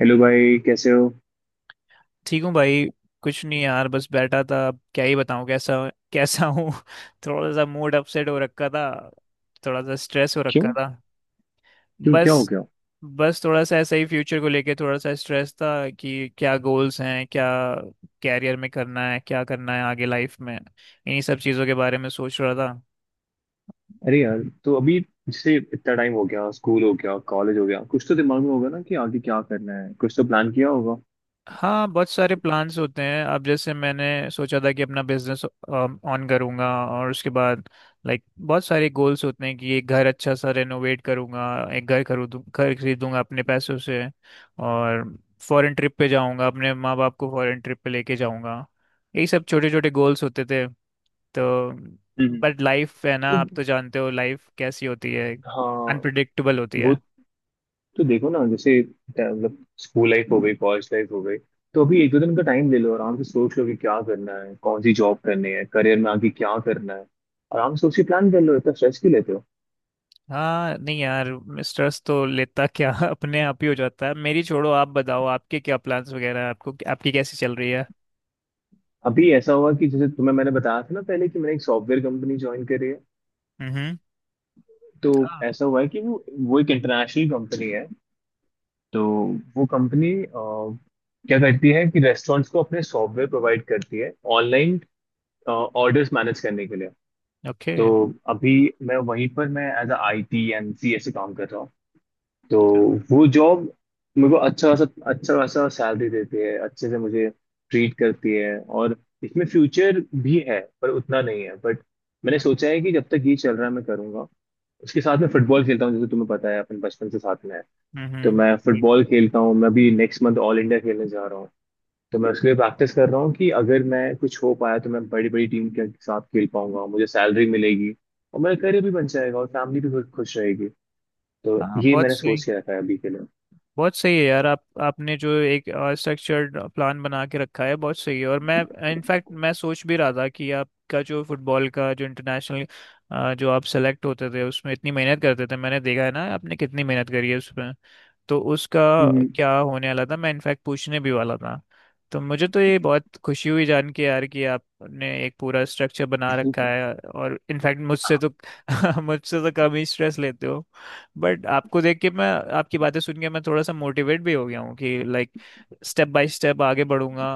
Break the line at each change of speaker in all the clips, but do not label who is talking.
Hello भाई, कैसे हो?
ठीक हूँ भाई। कुछ नहीं यार, बस बैठा था। अब क्या ही बताऊँ कैसा कैसा हूँ। थोड़ा सा मूड अपसेट हो रखा था। थोड़ा सा स्ट्रेस हो
क्यों?
रखा था।
क्यों क्या हो
बस
गया?
बस थोड़ा सा ऐसा ही फ्यूचर को लेके थोड़ा सा स्ट्रेस था कि क्या गोल्स हैं, क्या कैरियर में करना है, क्या करना है आगे लाइफ में, इन्हीं सब चीज़ों के बारे में सोच रहा था।
अरे यार, तो अभी जैसे इतना टाइम हो गया, स्कूल हो गया, कॉलेज हो गया, कुछ तो दिमाग में होगा ना कि आगे क्या करना है, कुछ तो प्लान किया होगा।
हाँ, बहुत सारे प्लान्स होते हैं। अब जैसे मैंने सोचा था कि अपना बिजनेस ऑन करूँगा, और उसके बाद लाइक बहुत सारे गोल्स होते हैं कि एक घर अच्छा सा रेनोवेट करूँगा, एक घर खरीदूँ घर खरीदूँगा अपने पैसों से, और फॉरेन ट्रिप पे जाऊँगा, अपने माँ बाप को फॉरेन ट्रिप पे लेके जाऊँगा। यही सब छोटे छोटे गोल्स होते थे। तो
हम्म।
बट लाइफ है ना,
तो,
आप तो जानते हो लाइफ कैसी होती है,
हाँ।
अनप्रडिक्टेबल होती है।
वो तो देखो ना, जैसे मतलब स्कूल लाइफ हो गई, कॉलेज लाइफ हो गई। तो अभी एक दो दिन का टाइम ले लो, आराम से सोच लो कि क्या करना है, कौन सी जॉब करनी है, करियर में आगे क्या करना है। आराम से उसी प्लान कर लो, इतना स्ट्रेस क्यों लेते हो?
हाँ नहीं यार, स्ट्रेस तो लेता क्या अपने आप ही हो जाता है। मेरी छोड़ो, आप बताओ आपके क्या प्लान्स वगैरह हैं, आपको आपकी कैसी चल रही है।
अभी ऐसा हुआ कि जैसे तुम्हें मैंने बताया था ना पहले, कि मैंने एक सॉफ्टवेयर कंपनी ज्वाइन करी है।
हम्म।
तो
हाँ।
ऐसा हुआ है कि वो एक इंटरनेशनल कंपनी है। तो वो कंपनी क्या करती है कि रेस्टोरेंट्स को अपने सॉफ्टवेयर प्रोवाइड करती है ऑनलाइन ऑर्डर्स मैनेज करने के लिए।
ओके।
तो अभी मैं वहीं पर, मैं as a IT and CS से काम कर रहा हूँ। तो वो जॉब मेरे को अच्छा खासा सैलरी देती है, अच्छे से मुझे ट्रीट करती है, और इसमें फ्यूचर भी है पर उतना नहीं है। बट मैंने
हम्म।
सोचा है कि जब तक ये चल रहा है मैं करूंगा। उसके साथ मैं फुटबॉल खेलता हूँ, जैसे तुम्हें पता है, अपन बचपन से साथ में है। तो
हम्म।
मैं
बिल्कुल।
फुटबॉल खेलता हूँ, मैं अभी नेक्स्ट मंथ ऑल इंडिया खेलने जा रहा हूँ। तो मैं उसके लिए प्रैक्टिस कर रहा हूँ कि अगर मैं कुछ हो पाया तो मैं बड़ी बड़ी टीम के साथ खेल पाऊंगा, मुझे सैलरी मिलेगी, और मेरा करियर भी बन जाएगा, और फैमिली भी खुश रहेगी। तो
हाँ,
ये
बहुत
मैंने
सही।
सोच के रखा है अभी के लिए।
बहुत सही है यार, आप आपने जो एक स्ट्रक्चर्ड प्लान बना के रखा है बहुत सही है। और मैं इनफैक्ट मैं सोच भी रहा था कि आपका जो फुटबॉल का जो इंटरनेशनल जो आप सेलेक्ट होते थे, उसमें इतनी मेहनत करते थे, मैंने देखा है ना, आपने कितनी मेहनत करी है उसमें। तो उसका
हम्म,
क्या होने वाला था, मैं इनफैक्ट पूछने भी वाला था। तो मुझे तो ये बहुत खुशी हुई जान के यार, कि आपने एक पूरा स्ट्रक्चर बना रखा है, और इनफैक्ट मुझसे तो मुझसे तो कम ही स्ट्रेस लेते हो। बट आपको देख के मैं, आपकी बातें सुन के मैं थोड़ा सा मोटिवेट भी हो गया हूँ कि लाइक स्टेप बाय स्टेप आगे बढ़ूंगा,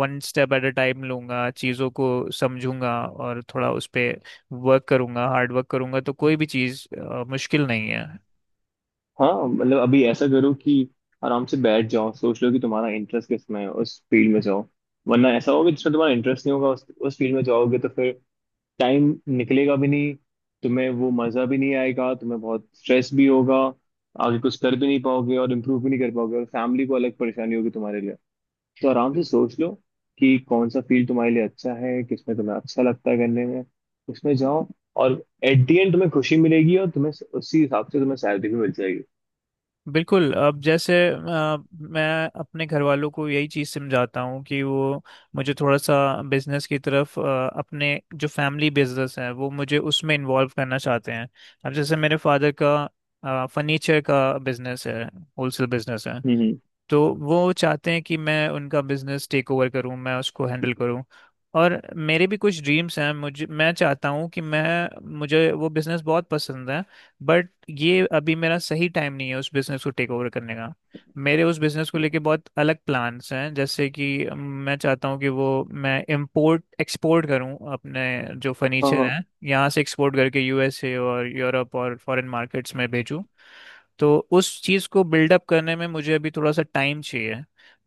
one step at a time लूंगा चीज़ों को, समझूंगा और थोड़ा उस पे वर्क करूंगा, हार्ड वर्क करूंगा, तो कोई भी चीज़ मुश्किल नहीं है।
हाँ मतलब अभी ऐसा करो कि आराम से बैठ जाओ, सोच लो कि तुम्हारा इंटरेस्ट किस में है, उस फील्ड में जाओ। वरना ऐसा होगा जिसमें तुम्हारा इंटरेस्ट नहीं होगा, उस फील्ड में जाओगे तो फिर टाइम निकलेगा भी नहीं, तुम्हें वो मज़ा भी नहीं आएगा, तुम्हें बहुत स्ट्रेस भी होगा, आगे कुछ कर भी नहीं पाओगे और इम्प्रूव भी नहीं कर पाओगे, और फैमिली को अलग परेशानी होगी तुम्हारे लिए। तो आराम से सोच लो कि कौन सा फील्ड तुम्हारे लिए अच्छा है, किस में तुम्हें अच्छा लगता है करने में, उसमें जाओ। और एट दी एंड तुम्हें खुशी मिलेगी और तुम्हें उसी हिसाब से तुम्हें सैलरी भी मिल जाएगी।
बिल्कुल। अब जैसे मैं अपने घर वालों को यही चीज़ समझाता हूँ कि वो मुझे थोड़ा सा बिजनेस की तरफ, अपने जो फैमिली बिजनेस है वो मुझे उसमें इन्वॉल्व करना चाहते हैं। अब जैसे मेरे फादर का फर्नीचर का बिजनेस है, होलसेल बिजनेस है।
हम्म।
तो वो चाहते हैं कि मैं उनका बिजनेस टेक ओवर करूं, मैं उसको हैंडल करूं। और मेरे भी कुछ ड्रीम्स हैं, मुझे मैं चाहता हूं कि मैं मुझे वो बिजनेस बहुत पसंद है। बट ये अभी मेरा सही टाइम नहीं है उस बिजनेस को टेक ओवर करने का। मेरे उस बिजनेस को लेके बहुत अलग प्लान्स हैं, जैसे कि मैं चाहता हूं कि वो मैं इंपोर्ट एक्सपोर्ट करूं, अपने जो
हाँ
फर्नीचर
हाँ।
हैं यहाँ से एक्सपोर्ट करके यूएसए और यूरोप और फॉरेन मार्केट्स में भेजूं। तो उस चीज़ को बिल्डअप करने में मुझे अभी थोड़ा सा टाइम चाहिए।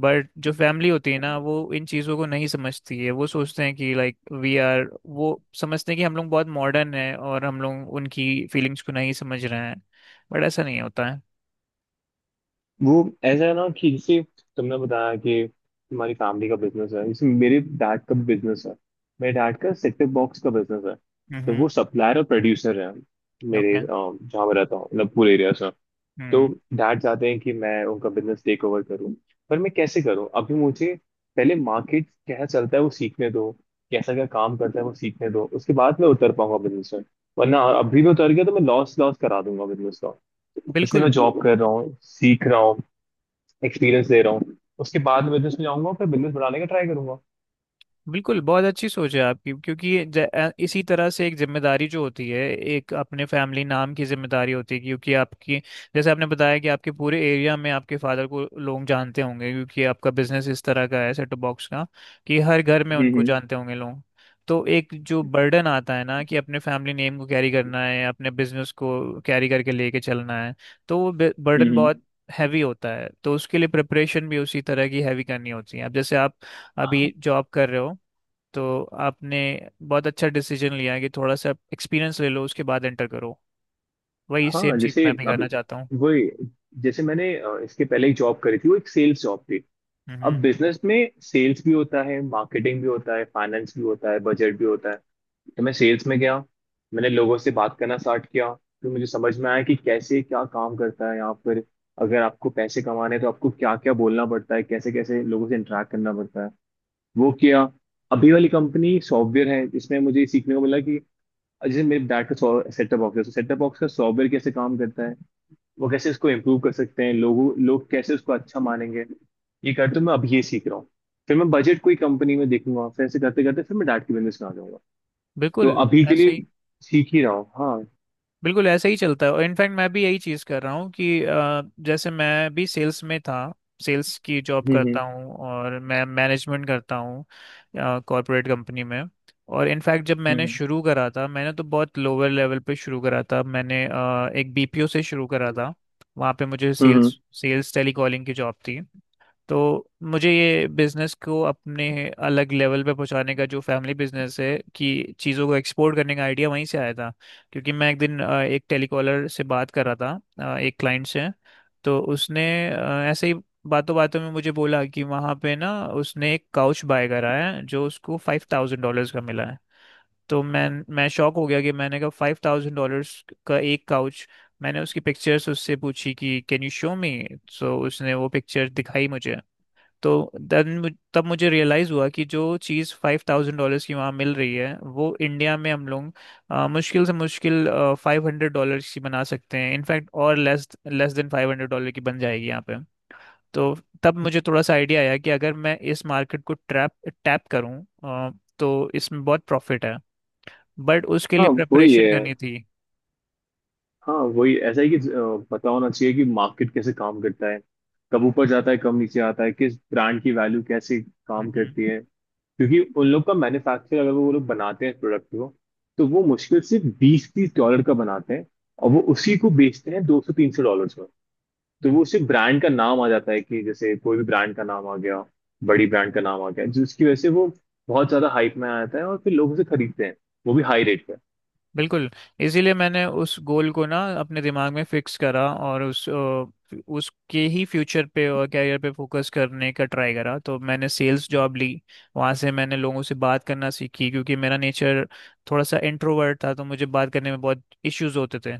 बट जो फैमिली होती है ना, वो इन चीज़ों को नहीं समझती है, वो सोचते हैं कि लाइक वी आर, वो समझते हैं कि हम लोग बहुत मॉडर्न हैं और हम लोग उनकी फीलिंग्स को नहीं समझ रहे हैं। बट ऐसा नहीं होता है।
वो ऐसा है ना कि जैसे तुमने बताया कि तुम्हारी फैमिली का बिजनेस है, जैसे मेरे डैड का बिजनेस है। मेरे डैड का सेट टॉप बॉक्स का बिजनेस है। तो
हम्म।
वो सप्लायर और प्रोड्यूसर है, मेरे
ओके।
जहाँ मैं रहता हूँ, मतलब पूरे एरिया से। तो
हम्म।
डैड चाहते हैं कि मैं उनका बिजनेस टेक ओवर करूँ, पर मैं कैसे करूँ? अभी मुझे पहले मार्केट कैसा चलता है वो सीखने दो, कैसा क्या काम करता है वो सीखने दो, उसके बाद मैं उतर पाऊंगा बिजनेस में। वरना अभी मैं उतर गया तो मैं लॉस लॉस करा दूंगा बिजनेस। इसलिए मैं
बिल्कुल।
जॉब कर रहा हूँ, सीख रहा हूँ, एक्सपीरियंस ले रहा हूँ, उसके बाद मैं बिजनेस में जाऊंगा, फिर बिजनेस बढ़ाने का ट्राई करूंगा।
बिल्कुल बहुत अच्छी सोच है आपकी, क्योंकि ये इसी तरह से एक जिम्मेदारी जो होती है, एक अपने फैमिली नाम की जिम्मेदारी होती है, क्योंकि आपकी, जैसे आपने बताया कि आपके पूरे एरिया में आपके फादर को लोग जानते होंगे, क्योंकि आपका बिजनेस इस तरह का है सेट टॉप बॉक्स का, कि हर घर में
हम्म,
उनको
हम्म,
जानते होंगे लोग। तो एक जो बर्डन आता है ना, कि अपने फैमिली नेम को कैरी करना है, अपने बिजनेस को कैरी करके लेके चलना है, तो वो बर्डन
हम्म, हम्म।
बहुत हैवी होता है, तो उसके लिए प्रिपरेशन भी उसी तरह की हैवी करनी होती है। अब जैसे आप अभी जॉब कर रहे हो, तो आपने बहुत अच्छा डिसीजन लिया है कि थोड़ा सा एक्सपीरियंस ले लो उसके बाद एंटर करो। वही
हाँ,
सेम चीज़
जैसे
मैं भी
अभी
करना चाहता हूँ।
वही, जैसे मैंने इसके पहले एक जॉब करी थी, वो एक सेल्स जॉब थी। अब
हम्म।
बिजनेस में सेल्स भी होता है, मार्केटिंग भी होता है, फाइनेंस भी होता है, बजट भी होता है। तो मैं सेल्स में गया, मैंने लोगों से बात करना स्टार्ट किया, फिर मुझे समझ में आया कि कैसे क्या काम करता है यहाँ पर, अगर आपको पैसे कमाने हैं तो आपको क्या क्या बोलना पड़ता है, कैसे कैसे लोगों से इंटरेक्ट करना पड़ता है, वो किया। अभी वाली कंपनी सॉफ्टवेयर है, इसमें मुझे ये सीखने को मिला कि जैसे मेरे डैड का सेटअप बॉक्स है तो सेटअप बॉक्स का सॉफ्टवेयर कैसे काम करता है, वो कैसे उसको इम्प्रूव कर सकते हैं, लोग कैसे उसको अच्छा मानेंगे। ये करते हुए मैं अभी ये सीख रहा हूँ। फिर मैं बजट कोई कंपनी में देखूंगा, फिर ऐसे करते करते फिर मैं डैड के बिजनेस में आ जाऊंगा। तो
बिल्कुल
अभी के
ऐसे
लिए
ही
सीख ही रहा हूँ, हाँ।
बिल्कुल ऐसे ही चलता है। और इनफैक्ट मैं भी यही चीज़ कर रहा हूँ कि जैसे मैं भी सेल्स में था, सेल्स की जॉब
हम्म, हम्म,
करता हूँ और मैं मैनेजमेंट करता हूँ कॉर्पोरेट कंपनी में। और इनफैक्ट जब मैंने
हम्म,
शुरू करा था, मैंने तो बहुत लोअर लेवल पे शुरू करा था, मैंने एक बीपीओ से शुरू करा था। वहाँ पे मुझे
हम्म,
सेल्स सेल्स टेलीकॉलिंग की जॉब थी। तो मुझे ये बिजनेस को अपने अलग लेवल पे पहुंचाने का, जो फैमिली बिजनेस है, कि चीज़ों को एक्सपोर्ट करने का आइडिया वहीं से आया था। क्योंकि मैं एक दिन एक टेलीकॉलर से बात कर रहा था, एक क्लाइंट से, तो उसने ऐसे ही बातों बातों में मुझे बोला कि वहाँ पे ना उसने एक काउच बाय करा है जो उसको $5,000 का मिला है। तो मैं शॉक हो गया, कि मैंने कहा $5,000 का एक काउच। मैंने उसकी पिक्चर्स उससे पूछी कि can you show me, so उसने वो पिक्चर दिखाई मुझे। तो देन तब मुझे रियलाइज़ हुआ कि जो चीज़ $5,000 की वहाँ मिल रही है, वो इंडिया में हम लोग मुश्किल से मुश्किल $500 की बना सकते हैं इनफैक्ट, और लेस लेस देन $500 की बन जाएगी यहाँ पे। तो तब मुझे थोड़ा सा आइडिया आया कि अगर मैं इस मार्केट को ट्रैप टैप करूँ, अ, तो इसमें बहुत प्रॉफिट है। बट उसके लिए
हाँ
ओके
वही
प्रेपरेशन
है,
करनी थी।
हाँ वही ऐसा है कि पता होना चाहिए कि मार्केट कैसे काम करता है, कब ऊपर जाता है, कब नीचे आता है, किस ब्रांड की वैल्यू कैसे काम
हम्म।
करती है। क्योंकि उन लोग का मैन्युफैक्चर, अगर वो लोग बनाते हैं प्रोडक्ट को, तो वो मुश्किल से 20-30 डॉलर का बनाते हैं, और वो उसी को बेचते हैं 200-300 डॉलर में। तो वो
हम्म।
उसी ब्रांड का नाम आ जाता है कि जैसे कोई भी ब्रांड का नाम आ गया, बड़ी ब्रांड का नाम आ गया, जिसकी वजह से वो बहुत ज्यादा हाइप में आ जाता है और फिर लोग उसे खरीदते हैं, वो भी हाई रेट।
बिल्कुल। इसीलिए मैंने उस गोल को ना अपने दिमाग में फिक्स करा, और उस उसके ही फ्यूचर पे और कैरियर पे फोकस करने का ट्राई करा। तो मैंने सेल्स जॉब ली, वहाँ से मैंने लोगों से बात करना सीखी, क्योंकि मेरा नेचर थोड़ा सा इंट्रोवर्ट था, तो मुझे बात करने में बहुत इश्यूज होते थे।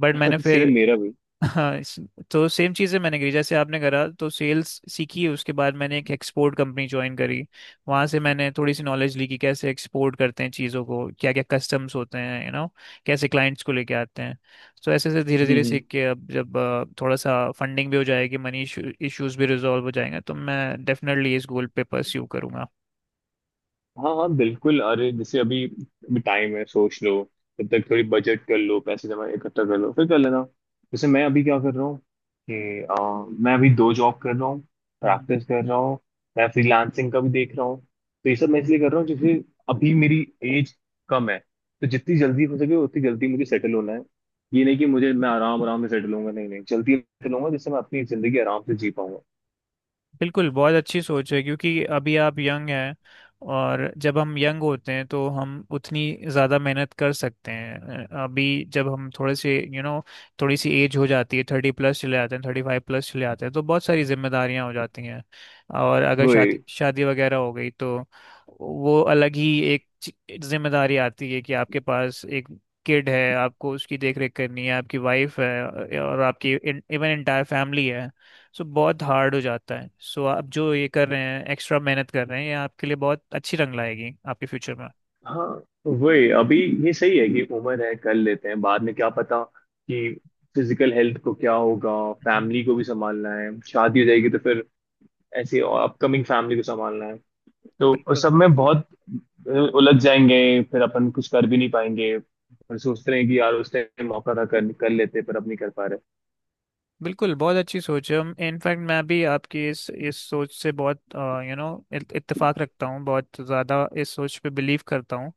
बट मैंने
पर
फिर,
सेम मेरा भी।
हाँ, तो सेम चीज़ें मैंने करी जैसे आपने करा, तो सेल्स सीखी उसके बाद मैंने एक एक्सपोर्ट कंपनी ज्वाइन करी। वहाँ से मैंने थोड़ी सी नॉलेज ली कि कैसे एक्सपोर्ट करते हैं चीज़ों को, क्या क्या कस्टम्स होते हैं, कैसे क्लाइंट्स को लेके आते हैं। तो ऐसे ऐसे धीरे
हम्म,
धीरे सीख के, अब जब थोड़ा सा फंडिंग भी हो जाएगी, मनी इश्यूज भी रिजॉल्व हो जाएंगे, तो मैं डेफिनेटली इस गोल पे परस्यू करूंगा।
हाँ हाँ बिल्कुल, अरे जैसे अभी अभी टाइम है, सोच लो। तब तक थोड़ी बजट कर लो, पैसे जमा इकट्ठा कर लो, फिर कर लेना। जैसे मैं अभी क्या कर रहा हूँ कि मैं अभी दो जॉब कर रहा हूँ,
हम्म।
प्रैक्टिस कर रहा हूँ, मैं फ्रीलांसिंग का भी देख रहा हूँ। तो ये सब मैं इसलिए कर रहा हूँ जैसे अभी मेरी एज कम है, तो जितनी जल्दी हो सके उतनी जल्दी मुझे सेटल होना है। ये नहीं कि मुझे, मैं आराम आराम से सेटल होऊंगा, नहीं नहीं, जल्दी सेटल होऊंगा जिससे मैं अपनी जिंदगी आराम से जी
बिल्कुल बहुत अच्छी सोच है क्योंकि अभी आप यंग हैं, और जब हम यंग होते हैं तो हम उतनी ज़्यादा मेहनत कर सकते हैं। अभी जब हम थोड़े से यू नो थोड़ी सी एज हो जाती है, 30+ चले जाते हैं, 35+ चले जाते हैं, तो बहुत सारी जिम्मेदारियां हो जाती हैं। और अगर शादी
पाऊंगा।
शादी वगैरह हो गई तो वो अलग ही एक जिम्मेदारी आती है, कि आपके पास एक किड है, आपको उसकी देख रेख करनी है, आपकी वाइफ है और आपकी इवन एंटायर फैमिली है। सो बहुत हार्ड हो जाता है, सो आप जो ये कर रहे हैं, एक्स्ट्रा मेहनत कर रहे हैं, ये आपके लिए बहुत अच्छी रंग लाएगी आपके फ्यूचर में।
हाँ वही अभी, ये सही है कि उम्र है, कर लेते हैं, बाद में क्या पता कि फिजिकल हेल्थ को क्या होगा,
हम्म।
फैमिली को भी संभालना है, शादी हो जाएगी तो फिर ऐसे अपकमिंग फैमिली को संभालना है। तो उस
बिल्कुल।
सब में बहुत उलझ जाएंगे, फिर अपन कुछ कर भी नहीं पाएंगे और सोचते हैं कि यार उस टाइम मौका था, कर लेते पर अब नहीं कर पा रहे।
बिल्कुल बहुत अच्छी सोच है। इनफैक्ट मैं भी आपकी इस सोच से बहुत यू नो इत्तेफाक रखता हूँ, बहुत ज़्यादा इस सोच पे बिलीव करता हूँ।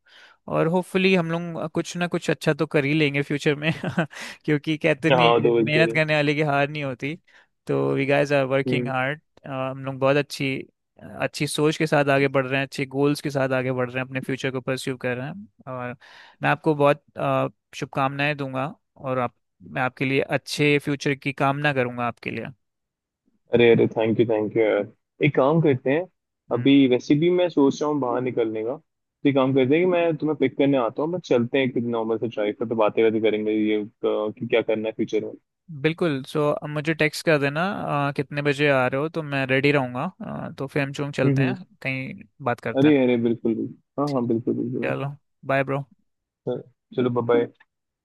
और होपफुली हम लोग कुछ ना कुछ अच्छा तो कर ही लेंगे फ्यूचर में। क्योंकि कहते नहीं हैं
हाँ, दो
कि
एक दो
मेहनत करने वाले की हार नहीं होती। तो वी गाइस आर वर्किंग
दिन।
हार्ड, हम लोग बहुत अच्छी अच्छी सोच के साथ आगे बढ़ रहे हैं, अच्छे गोल्स के साथ आगे बढ़ रहे हैं, अपने फ्यूचर को परस्यू कर रहे हैं। और मैं आपको बहुत शुभकामनाएं दूंगा, और आप मैं आपके लिए अच्छे फ्यूचर की कामना करूंगा आपके लिए।
अरे अरे थैंक यू यार, एक काम करते हैं।
हम्म।
अभी वैसे भी मैं सोच रहा हूँ बाहर निकलने का, तो एक काम करते हैं कि मैं तुम्हें पिक करने आता हूँ, बस चलते हैं नॉर्मल से ड्राइव पर, तो बातें बातें करेंगे ये कि क्या करना है फ्यूचर में।
बिल्कुल। सो अब मुझे टेक्स्ट कर देना कितने बजे आ रहे हो, तो मैं रेडी रहूंगा, तो फिर हम
हम्म,
चलते हैं
हम्म।
कहीं बात करते हैं।
अरे अरे बिल्कुल बिल्कुल। हाँ हाँ
ठीक।
बिल्कुल बिल्कुल।
चलो, बाय ब्रो।
बिल्कुल। चलो बाय।